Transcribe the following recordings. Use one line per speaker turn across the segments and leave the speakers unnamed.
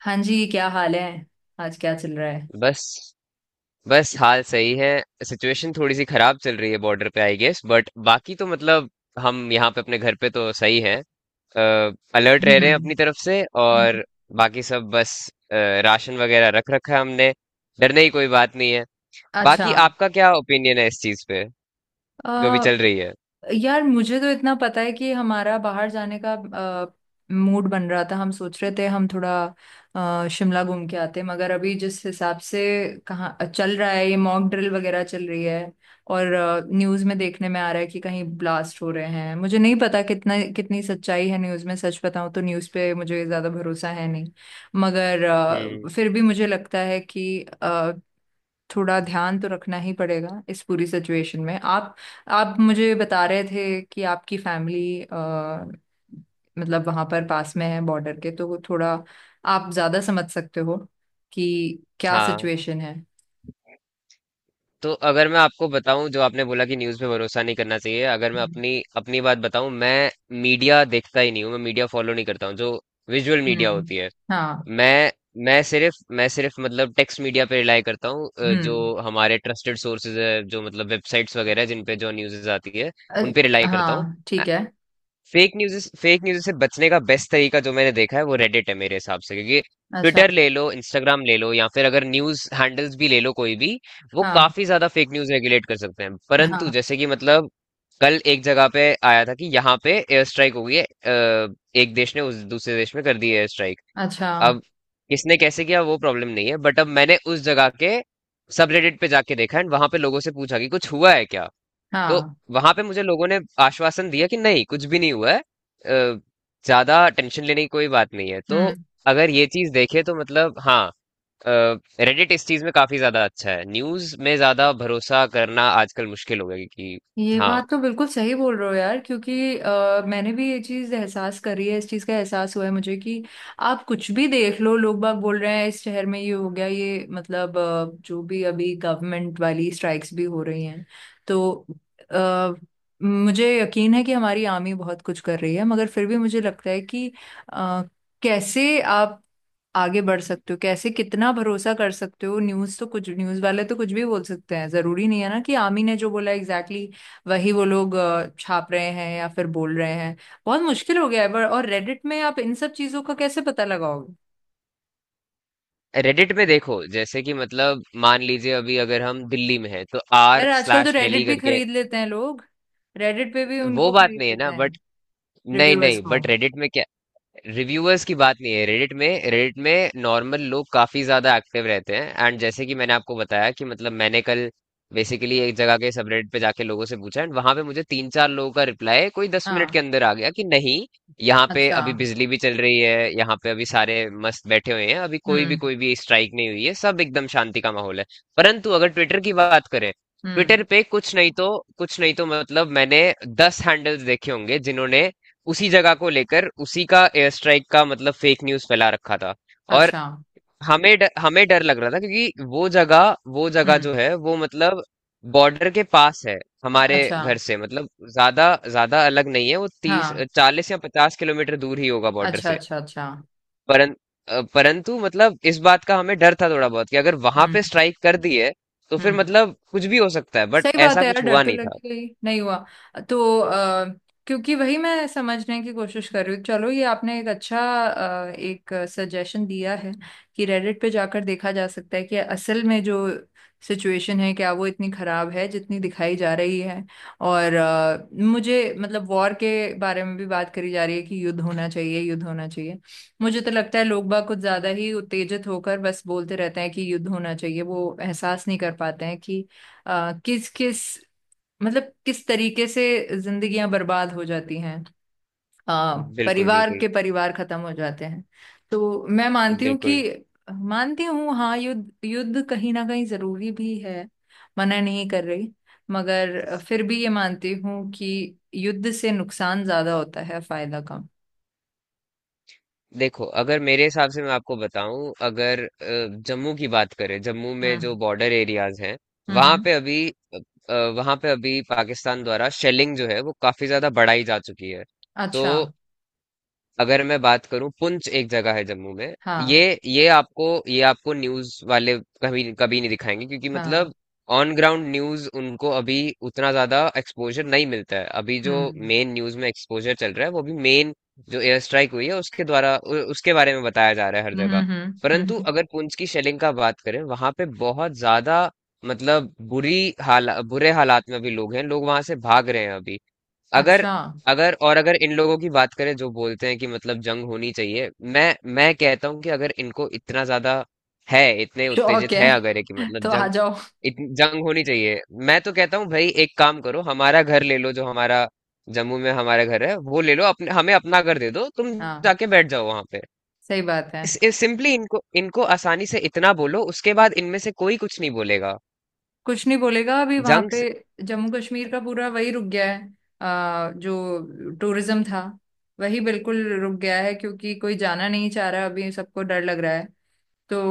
हाँ जी, क्या हाल है। आज क्या चल रहा है।
बस बस हाल सही है। सिचुएशन थोड़ी सी खराब चल रही है बॉर्डर पे आई गेस बट बाकी तो मतलब हम यहाँ पे अपने घर पे तो सही है। अलर्ट रह
हम्म।
रहे हैं अपनी तरफ से,
हम्म।
और बाकी सब बस। अ, राशन वगैरह रख रखा है हमने। डरने की कोई बात नहीं है।
अच्छा।
बाकी आपका क्या ओपिनियन है इस चीज पे जो भी
अ,
चल रही है।
यार, मुझे तो इतना पता है कि हमारा बाहर जाने का मूड बन रहा था। हम सोच रहे थे हम थोड़ा शिमला घूम के आते, मगर अभी जिस हिसाब से कहाँ चल रहा है, ये मॉक ड्रिल वगैरह चल रही है, और न्यूज़ में देखने में आ रहा है कि कहीं ब्लास्ट हो रहे हैं। मुझे नहीं पता कितना कितनी सच्चाई है न्यूज़ में। सच बताऊं तो न्यूज़ पे मुझे ज़्यादा भरोसा है नहीं, मगर
हम्म।
फिर भी मुझे लगता है कि थोड़ा ध्यान तो रखना ही पड़ेगा इस पूरी सिचुएशन में। आप मुझे बता रहे थे कि आपकी फैमिली मतलब वहां पर पास में है बॉर्डर के, तो थोड़ा आप ज्यादा समझ सकते हो कि क्या
हाँ।
सिचुएशन है।
तो अगर मैं आपको बताऊं, जो आपने बोला कि न्यूज़ पे भरोसा नहीं करना चाहिए, अगर मैं अपनी अपनी बात बताऊं, मैं मीडिया देखता ही नहीं हूं। मैं मीडिया फॉलो नहीं करता हूं, जो विजुअल मीडिया
हम्म।
होती है।
हाँ।
मैं मैं सिर्फ मतलब टेक्स्ट मीडिया पे रिलाई करता हूँ।
हम्म।
जो हमारे ट्रस्टेड सोर्सेज है, जो मतलब वेबसाइट्स वगैरह जिन पे जो न्यूज़ आती है
अ-
उन पे रिलाई करता हूँ।
हाँ, ठीक है।
फेक न्यूज फेक न्यूज से बचने का बेस्ट तरीका जो मैंने देखा है वो रेडिट है मेरे हिसाब से, क्योंकि
अच्छा।
ट्विटर ले लो, इंस्टाग्राम ले लो, या फिर अगर न्यूज हैंडल्स भी ले लो, कोई भी, वो
हाँ।
काफी ज्यादा फेक न्यूज रेगुलेट कर सकते हैं। परंतु
हाँ।
जैसे कि मतलब कल एक जगह पे आया था कि यहाँ पे एयर स्ट्राइक हो गई है। एक देश ने उस दूसरे देश में कर दी एयर स्ट्राइक।
अच्छा।
अब किसने कैसे किया वो प्रॉब्लम नहीं है, बट अब मैंने उस जगह के सब रेडिट पे जाके देखा एंड वहां पे लोगों से पूछा कि कुछ हुआ है क्या। तो
हाँ।
वहां पे मुझे लोगों ने आश्वासन दिया कि नहीं, कुछ भी नहीं हुआ है। ज्यादा टेंशन लेने की कोई बात नहीं है। तो
हम्म।
अगर ये चीज देखे तो मतलब हाँ, रेडिट इस चीज में काफी ज्यादा अच्छा है। न्यूज में ज्यादा भरोसा करना आजकल मुश्किल हो गया है, कि
ये
हाँ।
बात तो बिल्कुल सही बोल रहे हो, यार, क्योंकि मैंने भी ये चीज़ एहसास करी है, इस चीज़ का एहसास हुआ है मुझे कि आप कुछ भी देख लो, लोग बाग बोल रहे हैं इस शहर में ये हो गया, ये मतलब जो भी अभी गवर्नमेंट वाली स्ट्राइक्स भी हो रही हैं, तो अ, मुझे यकीन है कि हमारी आर्मी बहुत कुछ कर रही है, मगर फिर भी मुझे लगता है कि अ, कैसे आप आगे बढ़ सकते हो, कैसे कितना भरोसा कर सकते हो। न्यूज़ तो, कुछ न्यूज़ वाले तो कुछ भी बोल सकते हैं। जरूरी नहीं है ना कि आमी ने जो बोला एग्जैक्टली exactly वही वो लोग छाप रहे हैं या फिर बोल रहे हैं। बहुत मुश्किल हो गया है पर। और रेडिट में आप इन सब चीजों का कैसे पता लगाओगे?
रेडिट में देखो, जैसे कि मतलब मान लीजिए अभी अगर हम दिल्ली में हैं तो
यार,
आर
आजकल तो
स्लैश दिल्ली
रेडिट भी
करके।
खरीद लेते हैं लोग। रेडिट पे भी
वो
उनको
बात
खरीद
नहीं है
लेते
ना,
हैं,
बट नहीं,
रिव्यूअर्स
नहीं,
को।
बट रेडिट में क्या, रिव्यूअर्स की बात नहीं है। रेडिट में नॉर्मल लोग काफी ज्यादा एक्टिव रहते हैं, एंड जैसे कि मैंने आपको बताया कि मतलब मैंने कल बेसिकली एक जगह के सबरेडिट पे जाके लोगों से पूछा, एंड वहां पे मुझे तीन चार लोगों का रिप्लाई कोई 10 मिनट
हाँ।
के अंदर आ गया कि नहीं, यहाँ पे
अच्छा।
अभी बिजली भी चल रही है, यहाँ पे अभी सारे मस्त बैठे हुए हैं, अभी कोई भी
हम्म।
कोई भी स्ट्राइक नहीं हुई है, सब एकदम शांति का माहौल है। परंतु अगर ट्विटर की बात करें,
हम्म।
ट्विटर पे कुछ नहीं तो मतलब मैंने 10 हैंडल्स देखे होंगे जिन्होंने उसी जगह को लेकर, उसी का एयर स्ट्राइक का मतलब फेक न्यूज़ फैला रखा था। और
अच्छा।
हमें डर लग रहा था, क्योंकि वो जगह
हम्म।
जो है वो मतलब बॉर्डर के पास है, हमारे
अच्छा।
घर से मतलब ज्यादा ज्यादा अलग नहीं है। वो तीस
हाँ।
चालीस या पचास किलोमीटर दूर ही होगा बॉर्डर
अच्छा।
से।
अच्छा। अच्छा।
परं, परंतु मतलब इस बात का हमें डर था थोड़ा बहुत, कि अगर वहां पे
हम्म।
स्ट्राइक कर दी है तो फिर
हम्म।
मतलब कुछ भी हो सकता है, बट
सही बात
ऐसा
है, यार।
कुछ
डर
हुआ
तो
नहीं था।
लगेगा ही। नहीं हुआ तो क्योंकि वही मैं समझने की कोशिश कर रही हूँ। चलो, ये आपने एक अच्छा एक सजेशन दिया है कि रेडिट पे जाकर देखा जा सकता है कि असल में जो सिचुएशन है, क्या वो इतनी खराब है जितनी दिखाई जा रही है। और मुझे मतलब वॉर के बारे में भी बात करी जा रही है कि युद्ध होना चाहिए, युद्ध होना चाहिए। मुझे तो लगता है लोग बाग कुछ ज्यादा ही उत्तेजित होकर बस बोलते रहते हैं कि युद्ध होना चाहिए। वो एहसास नहीं कर पाते हैं कि किस किस, मतलब किस तरीके से जिंदगियां बर्बाद हो जाती हैं,
बिल्कुल।
परिवार
बिल्कुल।
के परिवार खत्म हो जाते हैं। तो मैं मानती हूँ
बिल्कुल।
कि मानती हूँ, हाँ, युद्ध युद्ध कहीं ना कहीं जरूरी भी है, मना नहीं कर रही, मगर फिर भी ये मानती हूँ कि युद्ध से नुकसान ज्यादा होता है, फायदा कम।
देखो अगर मेरे हिसाब से मैं आपको बताऊं, अगर जम्मू की बात करें, जम्मू में जो
हम्म।
बॉर्डर एरियाज हैं,
हम्म।
वहां
हम्म।
पे अभी वहां पे अभी पाकिस्तान द्वारा शेलिंग जो है वो काफी ज्यादा बढ़ाई जा चुकी है। तो
अच्छा।
अगर मैं बात करूं, पुंछ एक जगह है जम्मू में। ये
हाँ।
ये आपको ये आपको न्यूज वाले कभी कभी नहीं दिखाएंगे, क्योंकि
हाँ।
मतलब ऑन ग्राउंड न्यूज उनको अभी उतना ज्यादा एक्सपोजर नहीं मिलता है। अभी जो
हम्म।
मेन न्यूज में एक्सपोजर चल रहा है, वो भी मेन, जो एयर स्ट्राइक हुई है उसके द्वारा, उसके बारे में बताया जा रहा है हर
हम्म।
जगह।
हम्म। हम्म। हम्म।
परंतु
हम्म।
अगर पुंछ की शेलिंग का बात करें, वहां पे बहुत ज्यादा मतलब बुरी हाल, बुरे हालात में अभी लोग हैं, लोग वहां से भाग रहे हैं अभी। अगर
अच्छा।
अगर और अगर इन लोगों की बात करें जो बोलते हैं कि मतलब जंग होनी चाहिए, मैं मैं कहता हूं कि अगर इनको इतना ज्यादा है, इतने
शौक
उत्तेजित
है।
है, अगर है कि मतलब
तो आ
जंग,
जाओ।
जंग होनी चाहिए, मैं तो कहता हूँ भाई, एक काम करो, हमारा घर ले लो, जो हमारा जम्मू में हमारा घर है वो ले लो, अपने हमें अपना घर दे दो तुम,
हाँ।
जाके बैठ जाओ वहां पे।
सही बात है।
सिंपली इनको इनको आसानी से इतना बोलो, उसके बाद इनमें से कोई कुछ नहीं बोलेगा।
कुछ नहीं बोलेगा। अभी वहां
जंग
पे
से-
जम्मू कश्मीर का पूरा वही रुक गया है, जो टूरिज्म था वही बिल्कुल रुक गया है, क्योंकि कोई जाना नहीं चाह रहा, अभी सबको डर लग रहा है। तो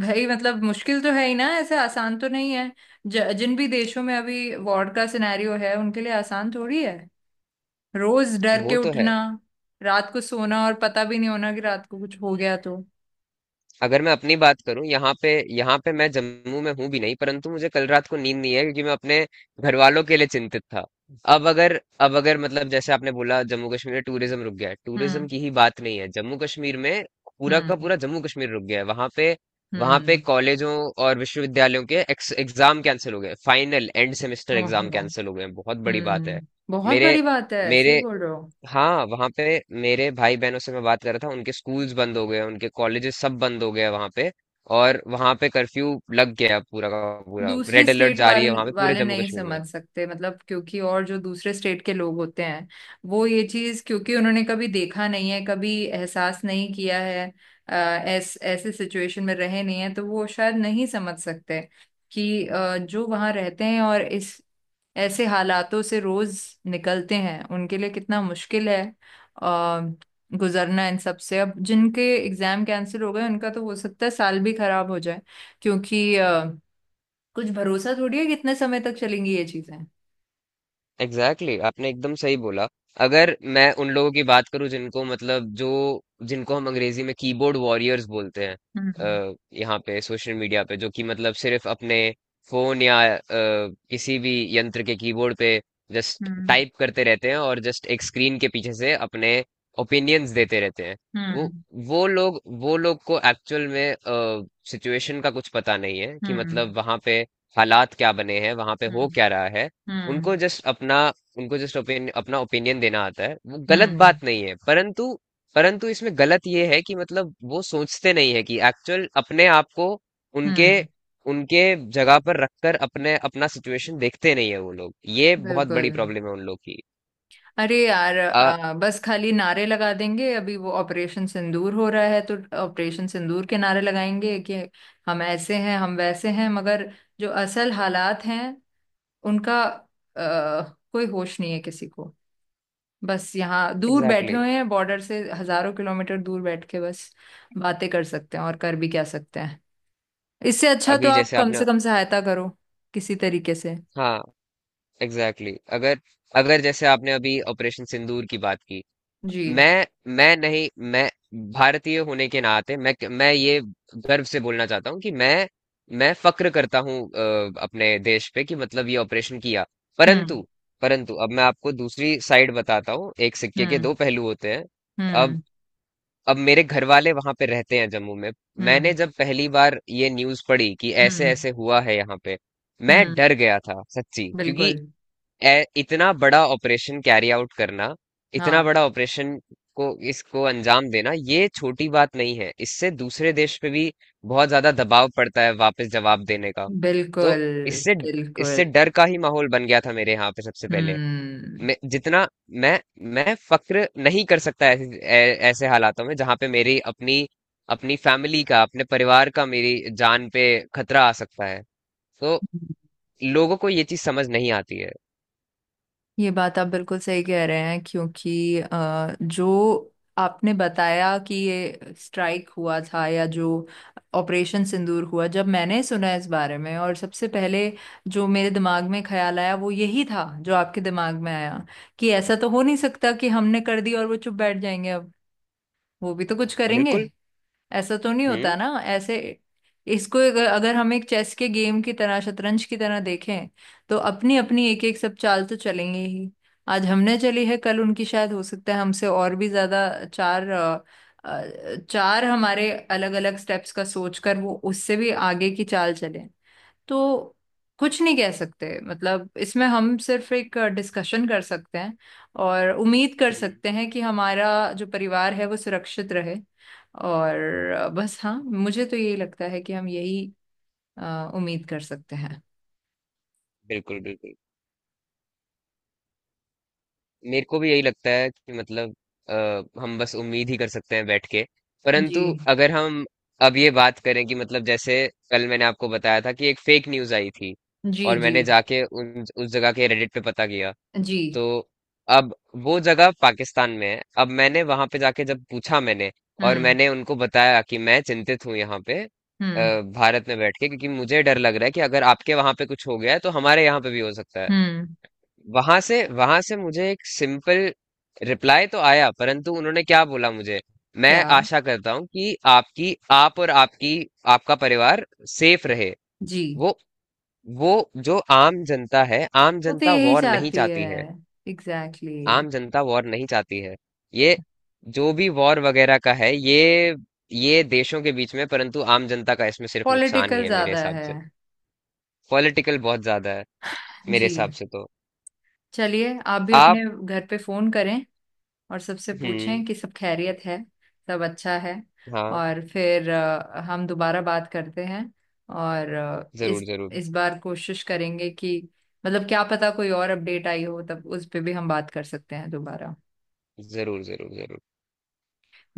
भाई, मतलब मुश्किल तो है ही ना, ऐसे आसान तो नहीं है। जिन भी देशों में अभी वॉर का सिनेरियो है, उनके लिए आसान थोड़ी है। रोज डर के
वो तो है।
उठना, रात को सोना, और पता भी नहीं होना कि रात को कुछ हो गया तो।
अगर मैं अपनी बात करूं यहाँ पे मैं जम्मू में हूं भी नहीं, परंतु मुझे कल रात को नींद नहीं है, क्योंकि मैं अपने घर वालों के लिए चिंतित था। अब अगर अब अगर मतलब जैसे आपने बोला, जम्मू कश्मीर में टूरिज्म रुक गया है, टूरिज्म
हम्म।
की ही बात नहीं है, जम्मू कश्मीर में पूरा का
हम्म।
पूरा जम्मू कश्मीर रुक गया है वहां पे। वहां पे
हम्म।
कॉलेजों और विश्वविद्यालयों के एग्जाम कैंसिल हो गए, फाइनल एंड सेमेस्टर एग्जाम
ओहो।
कैंसिल हो गए हैं। बहुत बड़ी बात है।
हम्म। बहुत
मेरे
बड़ी बात है, सही
मेरे
बोल रहे हो।
हाँ। वहाँ पे मेरे भाई बहनों से मैं बात कर रहा था, उनके स्कूल्स बंद हो गए, उनके कॉलेजेस सब बंद हो गए वहाँ पे। और वहाँ पे कर्फ्यू लग गया है, पूरा का पूरा
दूसरी
रेड अलर्ट जारी है वहाँ पे पूरे
वाले
जम्मू
नहीं
कश्मीर
समझ
में।
सकते, मतलब क्योंकि और जो दूसरे स्टेट के लोग होते हैं, वो ये चीज क्योंकि उन्होंने कभी देखा नहीं है, कभी एहसास नहीं किया है। ऐसे सिचुएशन में रहे नहीं है, तो वो शायद नहीं समझ सकते कि जो वहाँ रहते हैं और इस ऐसे हालातों से रोज निकलते हैं, उनके लिए कितना मुश्किल है आ, गुजरना इन सब से। अब जिनके एग्जाम कैंसिल हो गए, उनका तो हो सकता है साल भी खराब हो जाए, क्योंकि कुछ भरोसा थोड़ी है कितने समय तक चलेंगी ये चीजें।
एग्जैक्टली exactly, आपने एकदम सही बोला। अगर मैं उन लोगों की बात करूं, जिनको मतलब जो जिनको हम अंग्रेजी में कीबोर्ड वॉरियर्स बोलते हैं,
हम्म।
अ, यहाँ पे सोशल मीडिया पे, जो कि मतलब सिर्फ अपने फोन या किसी भी यंत्र के कीबोर्ड पे जस्ट
हम्म।
टाइप करते रहते हैं, और जस्ट एक स्क्रीन के पीछे से अपने ओपिनियंस देते रहते हैं। वो
हम्म।
वो लोग को एक्चुअल में सिचुएशन का कुछ पता नहीं है, कि
हम्म।
मतलब वहां पे हालात क्या बने हैं, वहां पे हो
हम्म।
क्या रहा है। उनको
हम्म।
जस्ट अपना उनको जस्ट अपना ओपिनियन देना आता है, वो गलत
हम्म।
बात नहीं है, परंतु परंतु इसमें गलत ये है कि मतलब वो सोचते नहीं है कि एक्चुअल अपने आप को उनके
हम्म।
उनके जगह पर रखकर अपने अपना सिचुएशन देखते नहीं है वो लोग। ये बहुत
बिल्कुल।
बड़ी प्रॉब्लम है उन लोग की।
अरे यार,
आ
बस खाली नारे लगा देंगे। अभी वो ऑपरेशन सिंदूर हो रहा है तो ऑपरेशन सिंदूर के नारे लगाएंगे कि हम ऐसे हैं, हम वैसे हैं, मगर जो असल हालात हैं, उनका कोई होश नहीं है किसी को। बस यहाँ दूर
एग्जैक्टली
बैठे
exactly।
हुए हैं, बॉर्डर से हजारों किलोमीटर दूर बैठ के बस बातें कर सकते हैं, और कर भी क्या सकते हैं। इससे अच्छा तो
अभी
आप
जैसे
कम
आपने,
से कम सहायता करो किसी तरीके से।
हाँ, एग्जैक्टली exactly। अगर अगर जैसे आपने अभी ऑपरेशन सिंदूर की बात की।
जी।
मैं मैं नहीं, मैं भारतीय होने के नाते मैं ये गर्व से बोलना चाहता हूँ कि मैं फक्र करता हूँ अपने देश पे, कि मतलब ये ऑपरेशन किया।
हम्म।
परंतु परंतु अब मैं आपको दूसरी साइड बताता हूँ, एक सिक्के के दो
हम्म।
पहलू होते हैं। अब
हम्म।
अब मेरे घर वाले वहां पे रहते हैं जम्मू में। मैंने
हम्म।
जब पहली बार ये न्यूज पढ़ी कि ऐसे
हम्म।
ऐसे हुआ है यहाँ पे, मैं
हम्म।
डर गया था सच्ची, क्योंकि
बिल्कुल।
इतना बड़ा ऑपरेशन कैरी आउट करना, इतना
हाँ।
बड़ा ऑपरेशन को इसको अंजाम देना, ये छोटी बात नहीं है। इससे दूसरे देश पे भी बहुत ज्यादा दबाव पड़ता है वापस जवाब देने का। तो
बिल्कुल।
इससे इससे डर
बिल्कुल।
का ही माहौल बन गया था मेरे यहाँ पे सबसे पहले।
हम्म।
मैं जितना मैं मैं फक्र नहीं कर सकता ऐसे हालातों में, जहाँ पे मेरी अपनी अपनी फैमिली का, अपने परिवार का, मेरी जान पे खतरा आ सकता है, तो लोगों को ये चीज समझ नहीं आती है।
ये बात आप बिल्कुल सही कह रहे हैं, क्योंकि जो आपने बताया कि ये स्ट्राइक हुआ था, या जो ऑपरेशन सिंदूर हुआ, जब मैंने सुना इस बारे में, और सबसे पहले जो मेरे दिमाग में ख्याल आया वो यही था जो आपके दिमाग में आया, कि ऐसा तो हो नहीं सकता कि हमने कर दी और वो चुप बैठ जाएंगे। अब वो भी तो कुछ करेंगे।
बिल्कुल।
ऐसा तो नहीं होता
हम्म।
ना। ऐसे, इसको अगर हम एक चेस के गेम की तरह, शतरंज की तरह देखें, तो अपनी अपनी एक एक सब चाल तो चलेंगे ही। आज हमने चली है, कल उनकी शायद हो सकता है हमसे और भी ज्यादा चार हमारे अलग अलग स्टेप्स का सोचकर वो उससे भी आगे की चाल चले। तो कुछ नहीं कह सकते, मतलब इसमें हम सिर्फ एक डिस्कशन कर सकते हैं और उम्मीद कर
हम्म।
सकते हैं कि हमारा जो परिवार है वो सुरक्षित रहे। और बस, हाँ, मुझे तो यही लगता है कि हम यही उम्मीद कर सकते हैं।
बिल्कुल। बिल्कुल। मेरे को भी यही लगता है कि मतलब अ, हम बस उम्मीद ही कर सकते हैं बैठ के। परंतु
जी।
अगर हम अब ये बात करें, कि मतलब जैसे कल मैंने आपको बताया था कि एक फेक न्यूज आई थी,
जी।
और
जी।
मैंने जाके उन उस जगह के रेडिट पे पता किया।
जी।
तो अब वो जगह पाकिस्तान में है। अब मैंने वहां पे जाके जब पूछा, मैंने और
हम्म।
मैंने उनको बताया कि मैं चिंतित हूँ यहाँ पे
हम्म।
भारत में बैठ के, क्योंकि मुझे डर लग रहा है कि अगर आपके वहां पे कुछ हो गया है तो हमारे यहाँ पे भी हो सकता है।
हम्म।
वहां से मुझे एक सिंपल रिप्लाई तो आया, परंतु उन्होंने क्या बोला मुझे, मैं
क्या?
आशा करता हूं कि आपकी, आप और आपकी आपका परिवार सेफ रहे।
जी।
वो वो जो आम जनता है, आम
वो तो
जनता
यही
वॉर नहीं
चाहती है।
चाहती है।
एग्जैक्टली
आम
exactly।
जनता वॉर नहीं चाहती है। ये जो भी वॉर वगैरह का है, ये देशों के बीच में, परंतु आम जनता का इसमें सिर्फ नुकसान ही
पॉलिटिकल
है मेरे
ज्यादा
हिसाब
है।
से। पॉलिटिकल बहुत ज्यादा है, मेरे हिसाब
जी।
से तो।
चलिए, आप भी
आप।
अपने घर पे फोन करें और सबसे पूछें
हम्म।
कि सब खैरियत है, सब अच्छा है।
हाँ।
और फिर हम दोबारा बात करते हैं। और
जरूर,
इस
जरूर,
इस बार कोशिश करेंगे कि मतलब क्या पता कोई और अपडेट आई हो, तब उस पे भी हम बात कर सकते हैं दोबारा।
जरूर। जरूर, जरूर।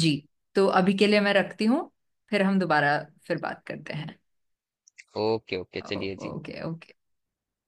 जी। तो अभी के लिए मैं रखती हूँ। फिर हम दोबारा, फिर बात करते हैं।
ओके, ओके, चलिए जी।
ओके। ओके।